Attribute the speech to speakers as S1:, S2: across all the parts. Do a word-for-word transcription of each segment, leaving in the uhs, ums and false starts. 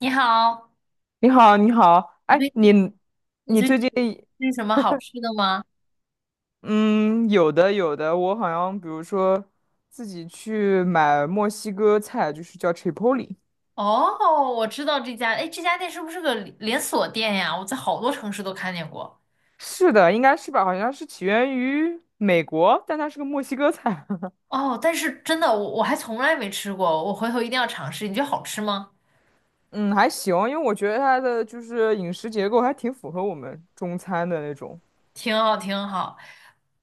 S1: 你好，
S2: 你好，你好，
S1: 你
S2: 哎，
S1: 最
S2: 你
S1: 近你
S2: 你
S1: 最
S2: 最
S1: 近
S2: 近
S1: 有吃什么好吃的吗？
S2: 嗯，有的有的，我好像比如说自己去买墨西哥菜，就是叫 Chipotle，
S1: 哦，我知道这家，哎，这家店是不是个连连锁店呀？我在好多城市都看见过。
S2: 是的，应该是吧？好像是起源于美国，但它是个墨西哥菜，
S1: 哦，但是真的，我我还从来没吃过，我回头一定要尝试。你觉得好吃吗？
S2: 嗯，还行，因为我觉得它的就是饮食结构还挺符合我们中餐的那种，
S1: 挺好，挺好。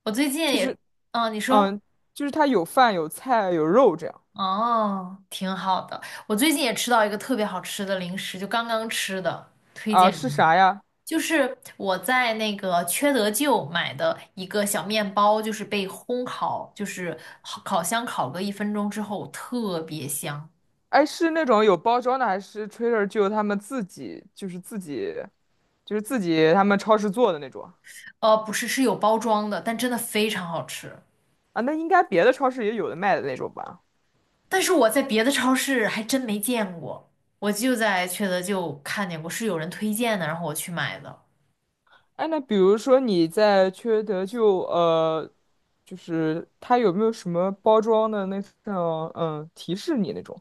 S1: 我最近
S2: 就
S1: 也，
S2: 是
S1: 嗯，你说，
S2: 嗯，就是它有饭有菜有肉这样。
S1: 哦，挺好的。我最近也吃到一个特别好吃的零食，就刚刚吃的，推
S2: 啊，
S1: 荐。你。
S2: 是
S1: 给
S2: 啥呀？
S1: 就是我在那个缺德舅买的一个小面包，就是被烘烤，就是烤烤箱烤个一分钟之后特别香。
S2: 哎，是那种有包装的，还是 Trader Joe 他们自己就是自己就是自己他们超市做的那种。
S1: 呃，不是，是有包装的，但真的非常好吃。
S2: 啊？那应该别的超市也有的卖的那种吧？
S1: 但是我在别的超市还真没见过，我就在缺德舅看见过，是有人推荐的，然后我去买的。
S2: 哎，那比如说你在缺德就呃，就是它有没有什么包装的那种嗯提示你那种。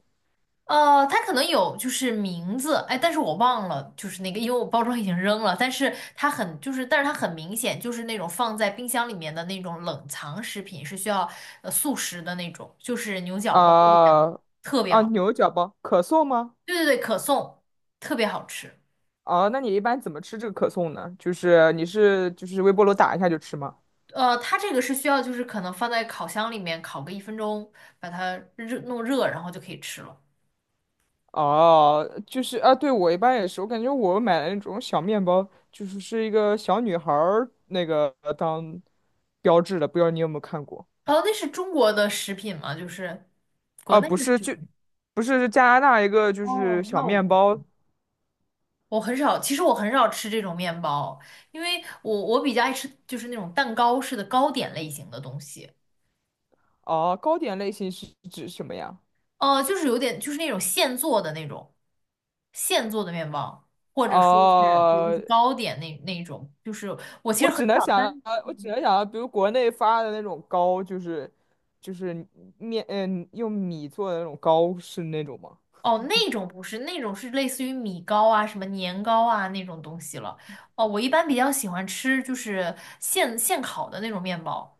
S1: 呃，它可能有就是名字，哎，但是我忘了，就是那个，因为我包装已经扔了，但是它很就是，但是它很明显就是那种放在冰箱里面的那种冷藏食品，是需要呃速食的那种，就是牛角包子这样，
S2: 啊
S1: 特别
S2: 啊
S1: 好。
S2: 牛角包可颂吗？
S1: 对对对，可颂特别好吃。
S2: 哦、那你一般怎么吃这个可颂呢？就是你是就是微波炉打一下就吃吗？
S1: 呃，它这个是需要就是可能放在烤箱里面烤个一分钟，把它热弄热，然后就可以吃了。
S2: 哦，就是啊，对，我一般也是，我感觉我买的那种小面包，就是是一个小女孩儿那个当标志的，不知道你有没有看过？
S1: 哦，那是中国的食品吗？就是国
S2: 啊，
S1: 内的
S2: 不是，
S1: 食
S2: 就
S1: 品。
S2: 不是是加拿大一个就是
S1: 哦，
S2: 小
S1: 那我
S2: 面
S1: 不。
S2: 包。
S1: 我很少，其实我很少吃这种面包，因为我我比较爱吃就是那种蛋糕式的糕点类型的东西，
S2: 哦，糕点类型是指什么呀？
S1: 呃，就是有点就是那种现做的那种现做的面包，或者说是对，就
S2: 哦，
S1: 是糕点那那种，就是我其实
S2: 我
S1: 很
S2: 只能
S1: 少
S2: 想到，
S1: 单，
S2: 我只
S1: 嗯
S2: 能想到，比如国内发的那种糕，就是就是面，嗯，用米做的那种糕，是那种吗？
S1: 哦，那种不是，那种是类似于米糕啊、什么年糕啊那种东西了。哦，我一般比较喜欢吃就是现现烤的那种面包，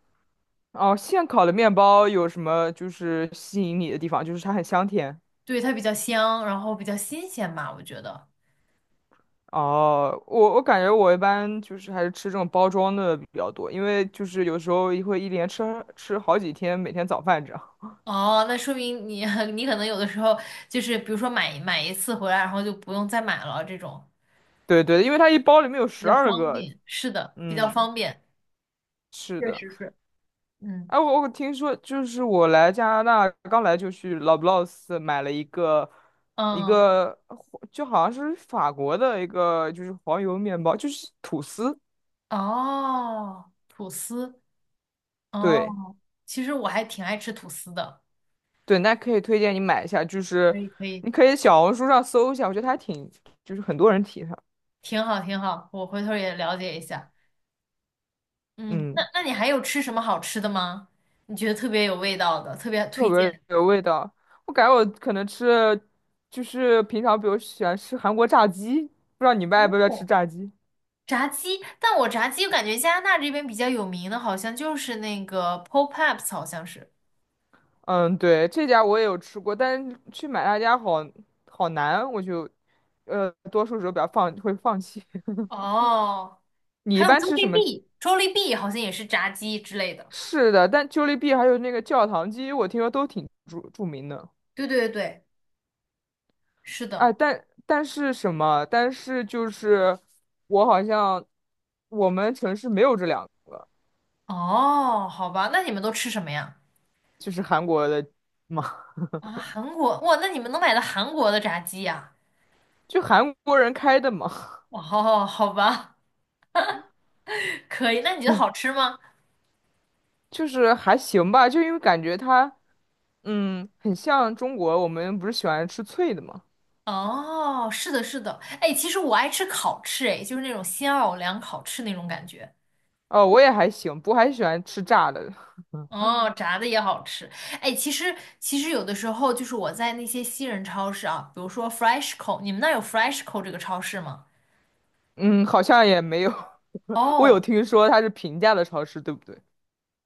S2: 哦，现烤的面包有什么就是吸引你的地方？就是它很香甜。
S1: 对，它比较香，然后比较新鲜吧，我觉得。
S2: 哦，我我感觉我一般就是还是吃这种包装的比较多，因为就是有时候会一连吃吃好几天，每天早饭这样。
S1: 哦，那说明你 你可能有的时候就是比如说买买一次回来，然后就不用再买了，这种
S2: 对对，因为它一包里面有
S1: 比
S2: 十
S1: 较
S2: 二
S1: 方
S2: 个。
S1: 便。是的，比较
S2: 嗯，
S1: 方便。
S2: 是
S1: 确
S2: 的。
S1: 实是。嗯
S2: 哎，我我听说就是我来加拿大刚来就去 Loblaws 买了一个一
S1: 嗯
S2: 个就好像是法国的一个就是黄油面包，就是吐司。
S1: 哦，吐司
S2: 对。
S1: 哦，其实我还挺爱吃吐司的。
S2: 对，那可以推荐你买一下，就
S1: 可
S2: 是
S1: 以可以，
S2: 你可以小红书上搜一下，我觉得还挺，就是很多人提它，
S1: 挺好挺好，我回头也了解一下。嗯，那
S2: 嗯，
S1: 那你还有吃什么好吃的吗？你觉得特别有味道的，特别
S2: 特
S1: 推荐
S2: 别
S1: 的？
S2: 有味道。我感觉我可能吃了，就是平常比如喜欢吃韩国炸鸡，不知道你们爱不爱吃
S1: 哦
S2: 炸鸡？
S1: 炸鸡，但我炸鸡我感觉加拿大这边比较有名的，好像就是那个 Popeyes，好像是，
S2: 嗯，对，这家我也有吃过，但是去买他家好好难，我就呃多数时候比较放会放弃。
S1: 哦，
S2: 你
S1: 还
S2: 一
S1: 有
S2: 般吃什么？
S1: Jollibee，J O L L I B E E 好像也是炸鸡之类的。
S2: 是的，但 Jollibee 还有那个教堂鸡，我听说都挺著著名的。
S1: 对对对，是
S2: 哎，
S1: 的
S2: 但但是什么？但是就是我好像我们城市没有这两个，
S1: 哦，好吧，那你们都吃什么呀？
S2: 就是韩国的嘛，
S1: 啊，韩国，哇，那你们能买到韩国的炸鸡呀？
S2: 就韩国人开的嘛，
S1: 哦，好吧，可以。那你觉得好吃吗？
S2: 就是还行吧，就因为感觉它，嗯，很像中国，我们不是喜欢吃脆的嘛？
S1: 哦，是的，是的。哎，其实我爱吃烤翅，哎，就是那种新奥尔良烤翅那种感觉。
S2: 哦，我也还行，不过还喜欢吃炸的，
S1: 哦，炸的也好吃。哎，其实其实有的时候就是我在那些西人超市啊，比如说 Freshco，你们那儿有 Freshco 这个超市吗？
S2: 嗯，好像也没有，我有
S1: 哦，
S2: 听说它是平价的超市，对不对？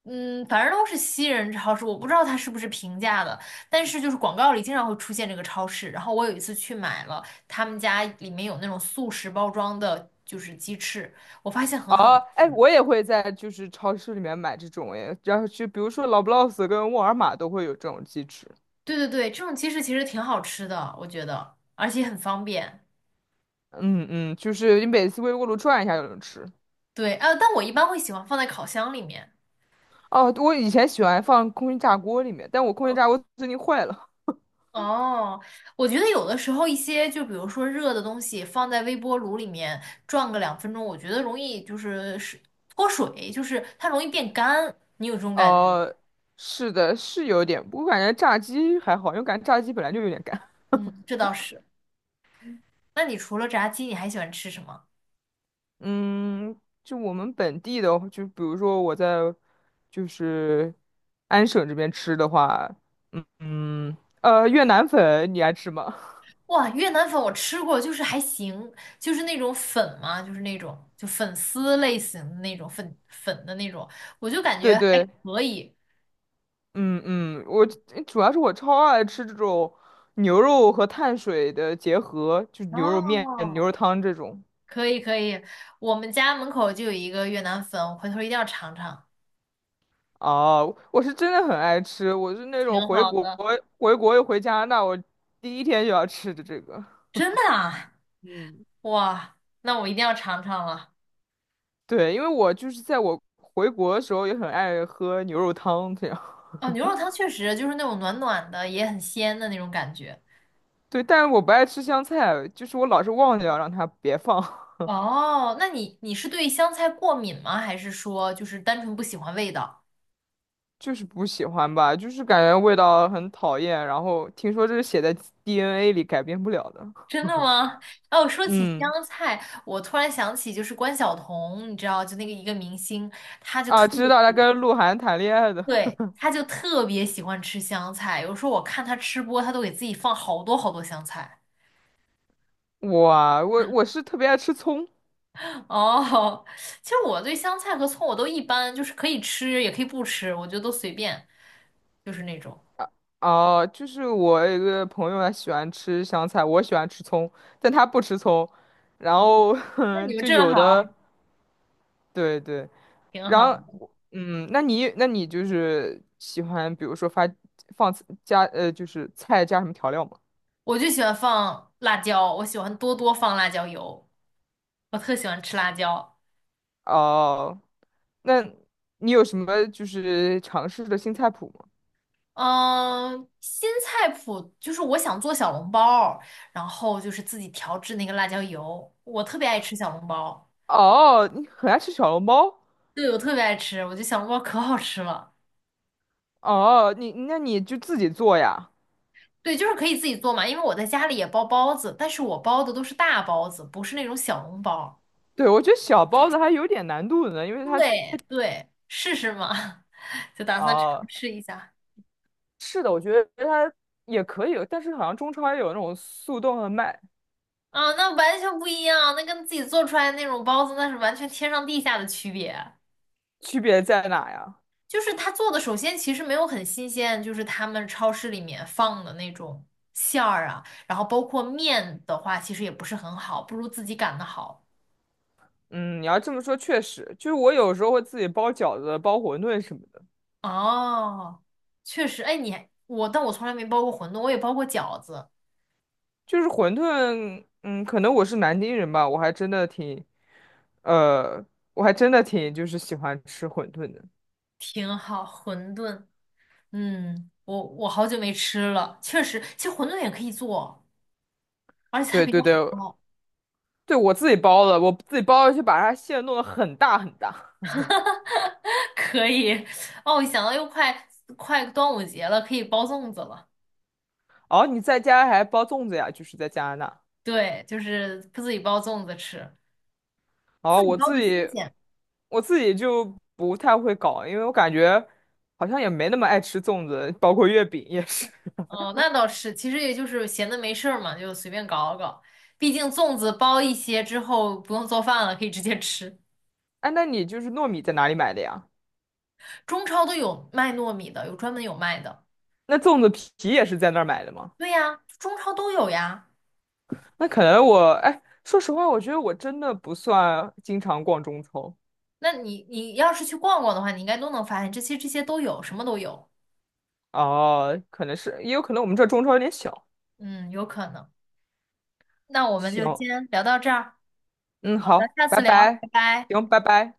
S1: 嗯，反正都是西人超市，我不知道它是不是平价的，但是就是广告里经常会出现这个超市。然后我有一次去买了，他们家里面有那种速食包装的，就是鸡翅，我发现很好
S2: 哦，哎，
S1: 吃。
S2: 我也会在就是超市里面买这种哎，然后就比如说老布劳斯跟沃尔玛都会有这种鸡翅，
S1: 对对对，这种鸡翅其实挺好吃的，我觉得，而且很方便。
S2: 嗯嗯，就是你每次微波炉转一下就能吃。
S1: 对，呃，但我一般会喜欢放在烤箱里面。
S2: 哦，我以前喜欢放空气炸锅里面，但我空气炸锅最近坏了。
S1: 哦，我觉得有的时候一些，就比如说热的东西放在微波炉里面转个两分钟，我觉得容易就是是脱水，就是它容易变干，你有这种感觉？
S2: 哦，是的，是有点，我感觉炸鸡还好，因为感觉炸鸡本来就有点干。
S1: 嗯，这倒是。那你除了炸鸡，你还喜欢吃什么？
S2: 嗯，就我们本地的，就比如说我在就是安省这边吃的话，嗯嗯，呃，越南粉你爱吃吗？
S1: 哇，越南粉我吃过，就是还行，就是那种粉嘛，就是那种就粉丝类型的那种粉粉的那种，我就感觉
S2: 对
S1: 还
S2: 对，
S1: 可以。
S2: 嗯嗯，我主要是我超爱吃这种牛肉和碳水的结合，就牛肉面、牛
S1: 哦，
S2: 肉汤这种。
S1: 可以可以，我们家门口就有一个越南粉，我回头一定要尝尝。
S2: 哦，我是真的很爱吃，我是那种
S1: 挺
S2: 回
S1: 好
S2: 国
S1: 的，
S2: 回国又回加拿大，我第一天就要吃的这个。
S1: 真的啊，
S2: 嗯，
S1: 哇，那我一定要尝尝了。
S2: 对，因为我就是在我回国的时候也很爱喝牛肉汤这样。
S1: 哦，牛肉汤确实就是那种暖暖的，也很鲜的那种感觉。
S2: 对，但是我不爱吃香菜，就是我老是忘掉让它别放。
S1: 哦，那你你是对香菜过敏吗？还是说就是单纯不喜欢味道？
S2: 就是不喜欢吧，就是感觉味道很讨厌。然后听说这是写在 D N A 里改变不了的。
S1: 真的吗？哦，说起
S2: 嗯，
S1: 香菜，我突然想起就是关晓彤，你知道，就那个一个明星，她就特
S2: 啊，知道他
S1: 别，
S2: 跟鹿晗谈恋爱的。
S1: 对，她就特别喜欢吃香菜。有时候我看她吃播，她都给自己放好多好多香菜。
S2: 哇，我我是特别爱吃葱。
S1: 哦，其实我对香菜和葱我都一般，就是可以吃也可以不吃，我觉得都随便，就是那种。
S2: 啊，就是我有一个朋友他喜欢吃香菜，我喜欢吃葱，但他不吃葱。然
S1: 嗯，
S2: 后
S1: 那你 们
S2: 就
S1: 正
S2: 有
S1: 好
S2: 的，对对，
S1: 挺
S2: 然
S1: 好。
S2: 后嗯，那你那你就是喜欢，比如说发放加呃，就是菜加什么调料吗？
S1: 我就喜欢放辣椒，我喜欢多多放辣椒油，我特喜欢吃辣椒。
S2: 哦、那你有什么就是尝试的新菜谱吗？
S1: 嗯，新菜谱就是我想做小笼包儿然后就是自己调制那个辣椒油，我特别爱吃小笼包，
S2: 哦，你很爱吃小笼包？
S1: 对，我特别爱吃，我觉得小笼包可好吃了。
S2: 哦，你那你就自己做呀？
S1: 对，就是可以自己做嘛，因为我在家里也包包子，但是我包的都是大包子，不是那种小笼包。
S2: 对，我觉得小包子还有点难度呢，因为它。
S1: 对对，试试嘛，就打算尝
S2: 哦，
S1: 试一下。
S2: 是的，我觉得它也可以，但是好像中超也有那种速冻和卖，
S1: 啊，那完全不一样，那跟自己做出来的那种包子，那是完全天上地下的区别。
S2: 区别在哪呀？
S1: 就是他做的，首先其实没有很新鲜，就是他们超市里面放的那种馅儿啊，然后包括面的话，其实也不是很好，不如自己擀的好。
S2: 嗯，你要这么说，确实，就是我有时候会自己包饺子、包馄饨什么。
S1: 哦，确实，哎，你还我，但我从来没包过馄饨，我也包过饺子，
S2: 就是馄饨，嗯，可能我是南京人吧，我还真的挺，呃，我还真的挺就是喜欢吃馄饨的。
S1: 挺好。馄饨，嗯，我我好久没吃了，确实，其实馄饨也可以做，而且它
S2: 对
S1: 比较
S2: 对对，
S1: 好包，
S2: 对我自己包的，我自己包的就把它馅弄得很大很大。
S1: 可以。哦，我想到又快快端午节了，可以包粽子了。
S2: 哦，你在家还包粽子呀？就是在加拿大。
S1: 对，就是自己包粽子吃，
S2: 哦，
S1: 自己
S2: 我
S1: 包
S2: 自
S1: 的新
S2: 己，
S1: 鲜。
S2: 我自己就不太会搞，因为我感觉好像也没那么爱吃粽子，包括月饼也是。
S1: 哦，那倒是，其实也就是闲的没事儿嘛，就随便搞搞。毕竟粽子包一些之后不用做饭了，可以直接吃。
S2: 哎，那你就是糯米在哪里买的呀？
S1: 中超都有卖糯米的，有专门有卖的。
S2: 那粽子皮也是在那儿买的吗？
S1: 对呀，中超都有呀。
S2: 那可能我，哎，说实话，我觉得我真的不算经常逛中超。
S1: 那你你要是去逛逛的话，你应该都能发现，这些这些都有，什么都有。
S2: 哦，可能是，也有可能我们这中超有点小。
S1: 嗯，有可能。那我们就
S2: 行，
S1: 先聊到这儿，
S2: 嗯，
S1: 好的，
S2: 好，
S1: 下
S2: 拜
S1: 次聊，
S2: 拜，
S1: 拜拜。
S2: 行，拜拜。